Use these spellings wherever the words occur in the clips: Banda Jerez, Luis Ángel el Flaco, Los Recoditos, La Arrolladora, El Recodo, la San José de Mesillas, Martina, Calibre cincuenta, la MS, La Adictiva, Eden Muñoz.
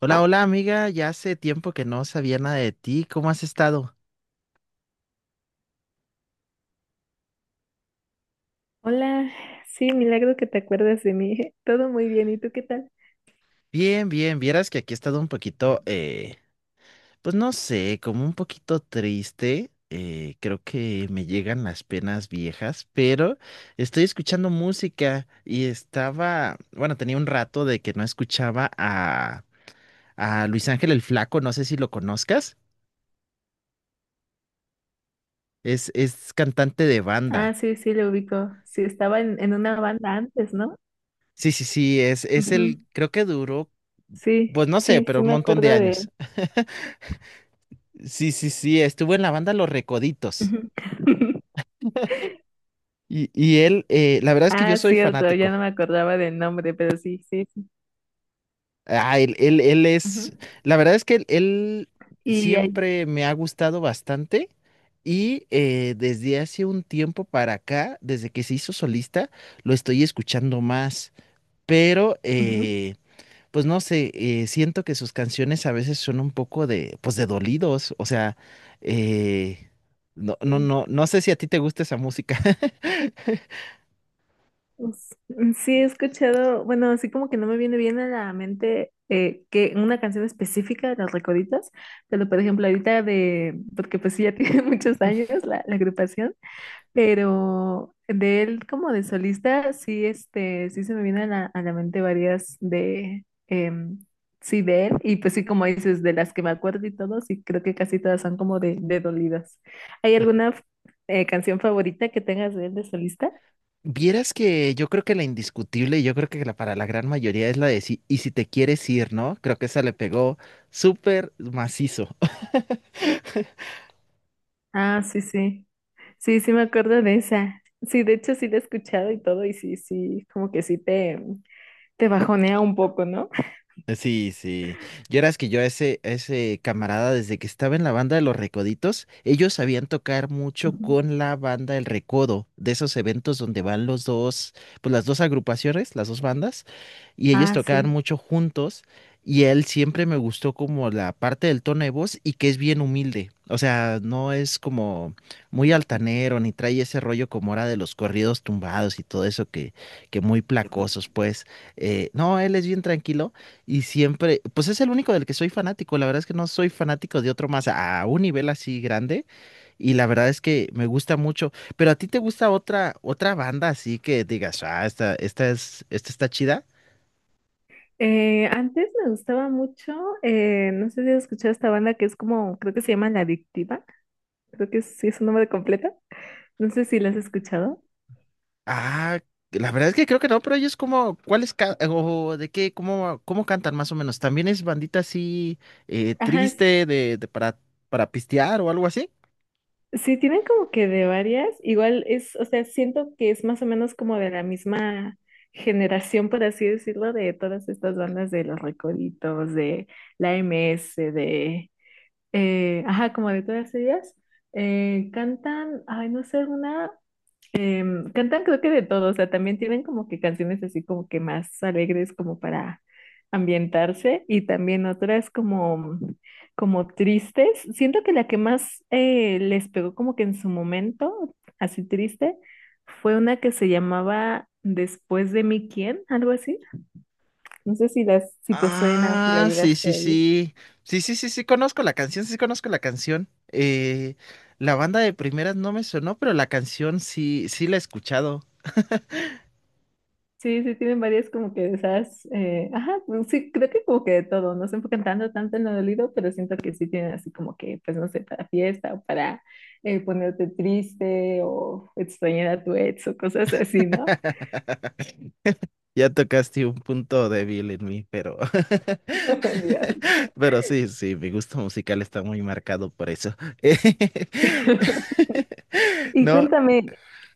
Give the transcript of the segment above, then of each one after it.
Hola, hola amiga, ya hace tiempo que no sabía nada de ti, ¿cómo has estado? Hola, sí, milagro que te acuerdas de mí. Todo muy bien, ¿y tú qué tal? Bien, bien, vieras que aquí he estado un poquito, pues no sé, como un poquito triste, creo que me llegan las penas viejas, pero estoy escuchando música y estaba, bueno, tenía un rato de que no escuchaba a Luis Ángel el Flaco, no sé si lo conozcas, es cantante de Ah, banda. sí, sí, lo ubico. Sí, estaba en una banda antes, ¿no? Sí, sí, sí, es Ujú. el, creo que duró, Sí, pues no sé, sí, pero sí un me montón de acuerdo de años. él. Sí, sí, sí, estuvo en la banda Los Recoditos. Ujú. Y él, la verdad es que yo Ah, soy cierto, ya fanático. no me acordaba del nombre, pero sí, sí, sí. Ah, él es, Ujú. la verdad es que él Y ahí, siempre me ha gustado bastante y desde hace un tiempo para acá, desde que se hizo solista, lo estoy escuchando más. Pero, ujú, pues no sé, siento que sus canciones a veces son un poco de, pues de dolidos. O sea, eh, no, no, sí. no, no sé si a ti te gusta esa música. Pues, mm, sí, he escuchado, bueno, así como que no me viene bien a la mente que una canción específica de Los Recoditos, pero por ejemplo ahorita de, porque pues sí ya tiene muchos años la agrupación. Pero de él como de solista, sí, este, sí se me vienen a la mente varias de, sí, de él, y pues sí, como dices, de las que me acuerdo y todo, sí, creo que casi todas son como de dolidas. ¿Hay alguna canción favorita que tengas de él de solista? Vieras que yo creo que la indiscutible, y yo creo que la, para la gran mayoría es la de sí, y si te quieres ir, ¿no? Creo que esa le pegó súper macizo. Ah, sí, sí, sí, sí me acuerdo de esa. Sí, de hecho sí la he escuchado y todo, y sí, sí, como que sí te bajonea un poco, ¿no? Sí, sí. Yo era que yo a ese camarada, desde que estaba en la banda de los Recoditos, ellos sabían tocar mucho Ujú. con la banda El Recodo, de esos eventos donde van los dos, pues las dos agrupaciones, las dos bandas, y ellos Ah, tocaban sí. mucho juntos, y él siempre me gustó como la parte del tono de voz y que es bien humilde. O sea, no es como muy altanero, ni trae ese rollo como era de los corridos tumbados y todo eso que, muy placosos, pues. No, él es bien tranquilo. Y siempre, pues es el único del que soy fanático. La verdad es que no soy fanático de otro más a un nivel así grande. Y la verdad es que me gusta mucho. Pero a ti te gusta otra banda así que digas: ah, esta está chida. Antes me gustaba mucho, no sé si has escuchado esta banda que es como, creo que se llama La Adictiva, creo que sí es su nombre completo, no sé si la has escuchado. Ah, la verdad es que creo que no, pero ellos como, ¿ o de qué, cómo cantan más o menos? ¿También es bandita así Ajá, s- triste para pistear o algo así? sí, tienen como que de varias, igual es, o sea, siento que es más o menos como de la misma generación, por así decirlo, de todas estas bandas de Los Recoditos, de la MS, de, ajá, como de todas ellas. Cantan, ay, no sé, una. Cantan creo que de todo, o sea, también tienen como que canciones así como que más alegres como para ambientarse y también otras como tristes. Siento que la que más les pegó como que en su momento, así triste, fue una que se llamaba Después de mí, ¿quién? Algo así. No sé si si te suena o si la Ah, sí, llegaste sí, a oír. sí. Sí, sí, sí, sí, conozco la canción, sí conozco la canción. La banda de primeras no me sonó, pero la canción sí, sí la he escuchado. Sí, sí, tienen varias como que de esas, ajá, pues sí, creo que como que de todo, no se enfocan tanto, tanto en lo dolido, pero siento que sí tienen así como que, pues no sé, para fiesta o para ponerte triste o extrañar a tu ex o cosas así, ¿no? Ya tocaste un punto débil en mí, pero, Dios. pero sí, sí, mi gusto musical está muy marcado por eso. Y No, cuéntame,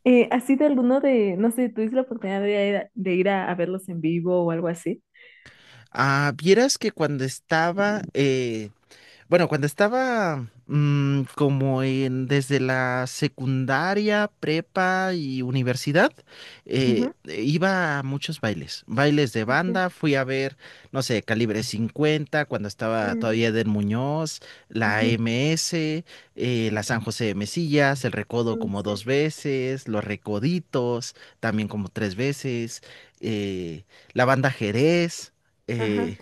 ¿has ido alguno de, no sé, tuviste la oportunidad de ir a verlos en vivo o algo así? ah, vieras que cuando estaba bueno, cuando estaba como en desde la secundaria, prepa y universidad, eh, Ujú, iba a muchos bailes, bailes de ok. banda, fui a ver, no sé, Calibre 50 cuando estaba Ujú, todavía Eden Muñoz, la ujú, MS, la San José de Mesillas, el Recodo ujú, como dos sí. veces, los Recoditos también como tres veces, eh, la banda Jerez. Ajá. eh,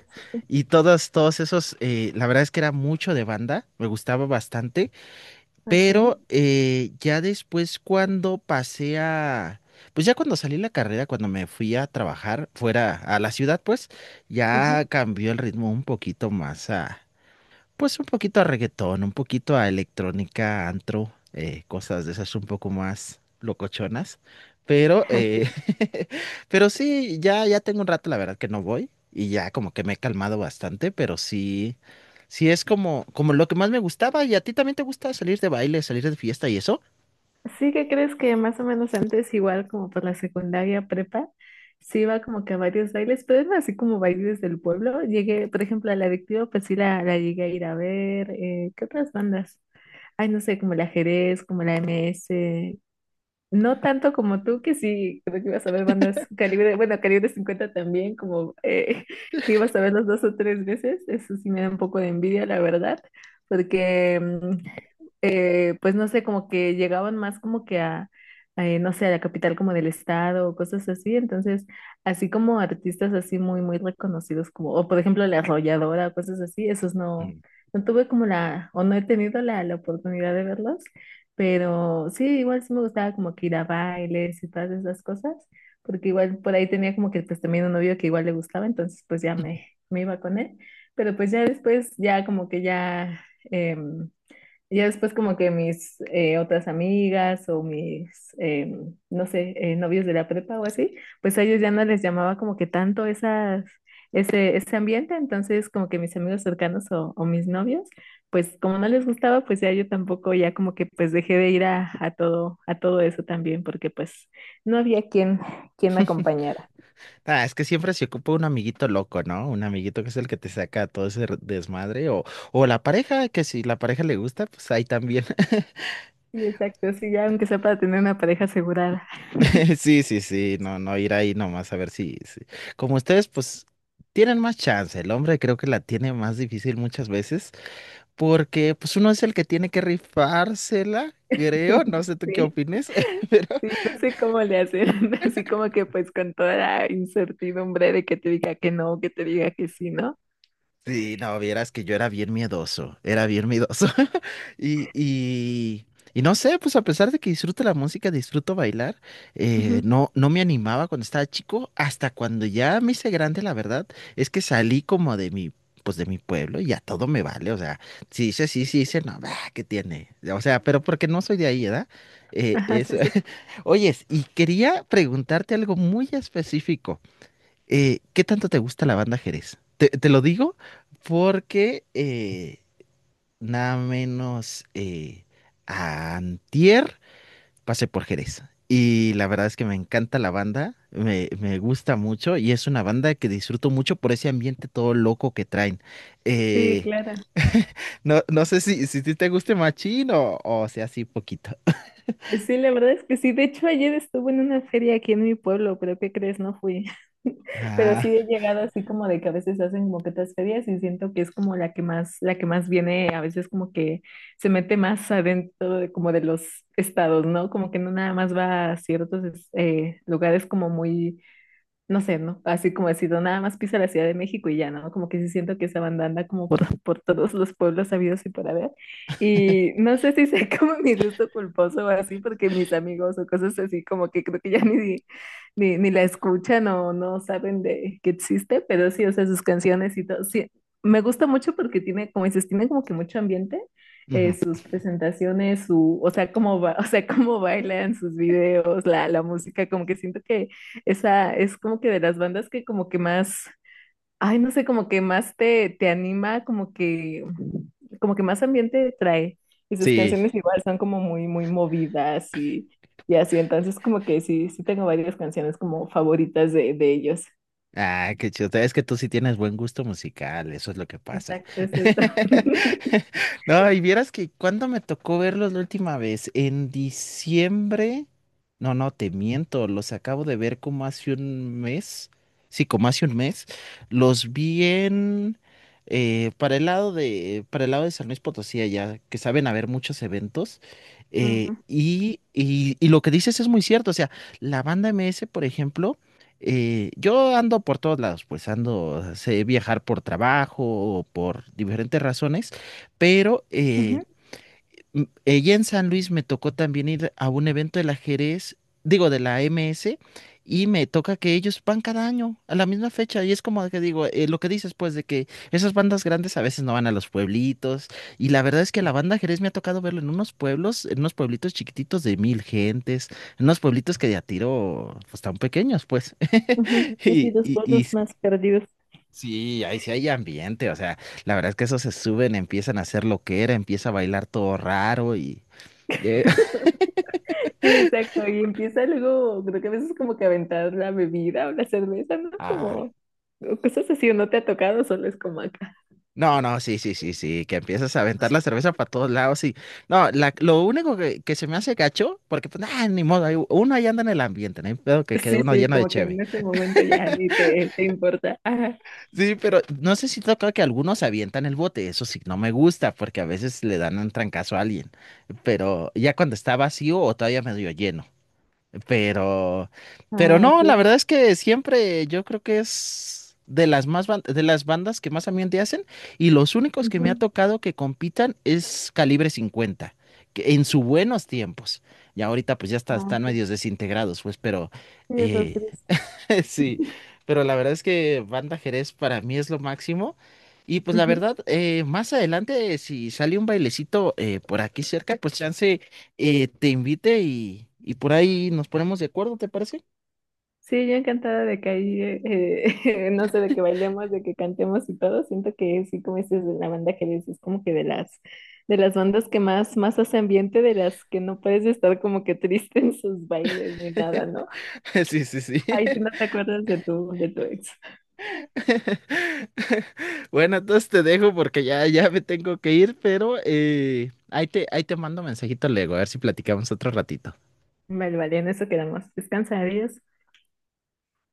y todos esos, la verdad es que era mucho de banda, me gustaba bastante, Ok. pero ya después cuando pues ya cuando salí de la carrera, cuando me fui a trabajar fuera a la ciudad, pues ya Ujú. cambió el ritmo un poquito pues un poquito a reggaetón, un poquito a electrónica, antro, cosas de esas un poco más locochonas. Pero, eh, pero sí, ya tengo un rato, la verdad, que no voy. Y ya como que me he calmado bastante, pero sí, sí es como lo que más me gustaba. ¿Y a ti también te gusta salir de baile, salir de fiesta y eso? Sí que crees que más o menos antes, igual como por la secundaria prepa, sí iba como que a varios bailes, pero eran así como bailes del pueblo. Llegué, por ejemplo, a la adictiva, pues sí la llegué a ir a ver. ¿Qué otras bandas? Ay, no sé, como el ajedrez, como la MS no tanto como tú, que sí, creo que ibas a ver bandas calibre, bueno, Calibre 50 también, como que ibas a verlos dos o tres veces, eso sí me da un poco de envidia, la verdad, porque, pues no sé, como que llegaban más como que no sé, a la capital como del estado o cosas así, entonces, así como artistas así muy, muy reconocidos, como, o por ejemplo La Arrolladora, cosas así, esos no, Mm. no tuve como o no he tenido la oportunidad de verlos. Pero sí, igual sí me gustaba como que ir a bailes y todas esas cosas, porque igual por ahí tenía como que pues también un novio que igual le gustaba, entonces pues ya me iba con él, pero pues ya después ya como que ya, em, ya después como que mis otras amigas o mis, no sé, novios de la prepa o así, pues a ellos ya no les llamaba como que tanto ese ambiente, entonces como que mis amigos cercanos o mis novios, pues como no les gustaba, pues ya yo tampoco ya como que pues dejé de ir a todo eso también, porque pues no había quien me acompañara. Ah, es que siempre se ocupa un amiguito loco, ¿no? Un amiguito que es el que te saca todo ese desmadre o, la pareja, que si la pareja le gusta, pues ahí también. Sí, exacto, sí, ya aunque sea para tener una pareja asegurada. Sí, sí, sí, no, no ir ahí nomás a ver como ustedes, pues, tienen más chance. El hombre creo que la tiene más difícil muchas veces, porque pues uno es el que tiene que rifársela, creo. No sé tú qué Sí. opines, pero Sí, no sé cómo le hacen, así como que pues con toda la incertidumbre de que te diga que no, que te diga que sí, ¿no? sí, no, vieras que yo era bien miedoso, era bien miedoso. Y, y, y no sé, pues a pesar de que disfruto la música, disfruto bailar, Ujú. no me animaba cuando estaba chico, hasta cuando ya me hice grande, la verdad, es que salí como pues de mi pueblo y ya todo me vale, o sea, si dice sí, si dice no, bah, ¿qué tiene? O sea, pero porque no soy de ahí, ¿verdad? Ajá, sí, Eso. sí. Oyes, y quería preguntarte algo muy específico ¿qué tanto te gusta la banda Jerez? Te lo digo porque nada menos antier pasé por Jerez. Y la verdad es que me encanta la banda, me gusta mucho y es una banda que disfruto mucho por ese ambiente todo loco que traen. Sí, Eh, claro. no sé si te guste machín o sea así poquito. Sí, la verdad es que sí. De hecho, ayer estuve en una feria aquí en mi pueblo, pero ¿qué crees? No fui. Pero sí Ah, he llegado así como de que a veces hacen como que otras ferias y siento que es como la que más viene, a veces como que se mete más adentro de, como de los estados, ¿no? Como que no nada más va a ciertos lugares como muy no sé, ¿no? Así como decido, nada más piso la Ciudad de México y ya, ¿no? Como que sí siento que esa banda anda como por, por todos los pueblos sabidos y por haber. Y no sé si sea como mi gusto culposo o así, porque mis amigos o cosas así como que creo que ya ni la escuchan o no saben de que existe, pero sí, o sea, sus canciones y todo. Sí, me gusta mucho porque tiene, como dices, tiene como que mucho ambiente. Ujú. Sus presentaciones, su, o sea, cómo ba- o sea, cómo bailan sus videos, la música, como que siento que esa es como que de las bandas que como que más, ay, no sé, como que más te, anima, como que más ambiente trae. Y sus Sí. canciones igual son como muy, muy movidas y así. Entonces como que sí, sí tengo varias canciones como favoritas de ellos. Ah, qué chido. Es que tú sí tienes buen gusto musical, eso es lo que pasa. Exacto, es eso. No, y vieras que cuando me tocó verlos la última vez, en diciembre. No, no, te miento, los acabo de ver como hace un mes. Sí, como hace un mes. Los vi en para el lado de San Luis Potosí, allá, que saben haber muchos eventos. Ujú, Y lo que dices es muy cierto. O sea, la banda M S, por ejemplo. Yo ando por todos lados, pues ando, sé viajar por trabajo o por diferentes razones, pero ujú, ella en San Luis me tocó también ir a un evento del ajedrez, digo, de la MS, y me toca que ellos van cada año a la misma fecha. Y es como que digo, lo que dices, pues, de que esas bandas grandes a veces no van a los pueblitos. Y la verdad es que la banda ajedrez me ha tocado verlo en unos pueblos, en unos pueblitos chiquititos de 1,000 gentes, en unos pueblitos que de a tiro, pues, tan pequeños, pues. ujú. Sí, sí, Y, los y, y pueblos más perdidos. sí, ahí sí hay ambiente, o sea. La verdad es que esos se suben, empiezan a hacer lo que era, empieza a bailar todo raro y, de. Sí, exacto. Y empieza luego, creo que a veces como que aventar la bebida o la cerveza, ¿no? Ah, Como o cosas así, o no te ha tocado, solo es como acá. no, no, sí, sí, sí, sí, que empiezas a aventar la cerveza para todos lados y no, lo único que, se me hace gacho, porque pues ah, ni modo, uno ahí anda en el ambiente, no hay pedo que quede Sí, uno sí, lleno de como que cheve. en ese momento ya ni te, importa. Ajá. Sí, pero no sé si toca que algunos avientan el bote, eso sí, no me gusta porque a veces le dan un trancazo a alguien, pero ya cuando está vacío o todavía medio lleno. Pero, pero Ah, ok. no, la verdad es que siempre yo creo que es de las de las bandas que más ambiente hacen y los únicos que me ha Ujú. tocado que compitan es Calibre 50 que en sus buenos tiempos. Y ahorita pues Ah, están ok. medios desintegrados, pues, Sí, eso es eh, triste. sí, pero la verdad es que Banda Jerez para mí es lo máximo. Y pues la Ujú. verdad, más adelante, si sale un bailecito por aquí cerca, pues chance te invite y por ahí nos ponemos de acuerdo, ¿te parece? Sí, yo encantada de que ahí, no sé, de que bailemos, de que cantemos y todo. Siento que sí, como dices, de la banda que dices, es como que de las, bandas que más, más hace ambiente, de las que no puedes estar como que triste en sus bailes ni nada, ¿no? Sí, sí, sí. Ahí sí no te acuerdas de tu ex. Bueno, entonces te dejo porque ya me tengo que ir, pero ahí te mando mensajito luego, a ver si platicamos otro ratito. Vale, vale, en eso quedamos. Descansa, adiós.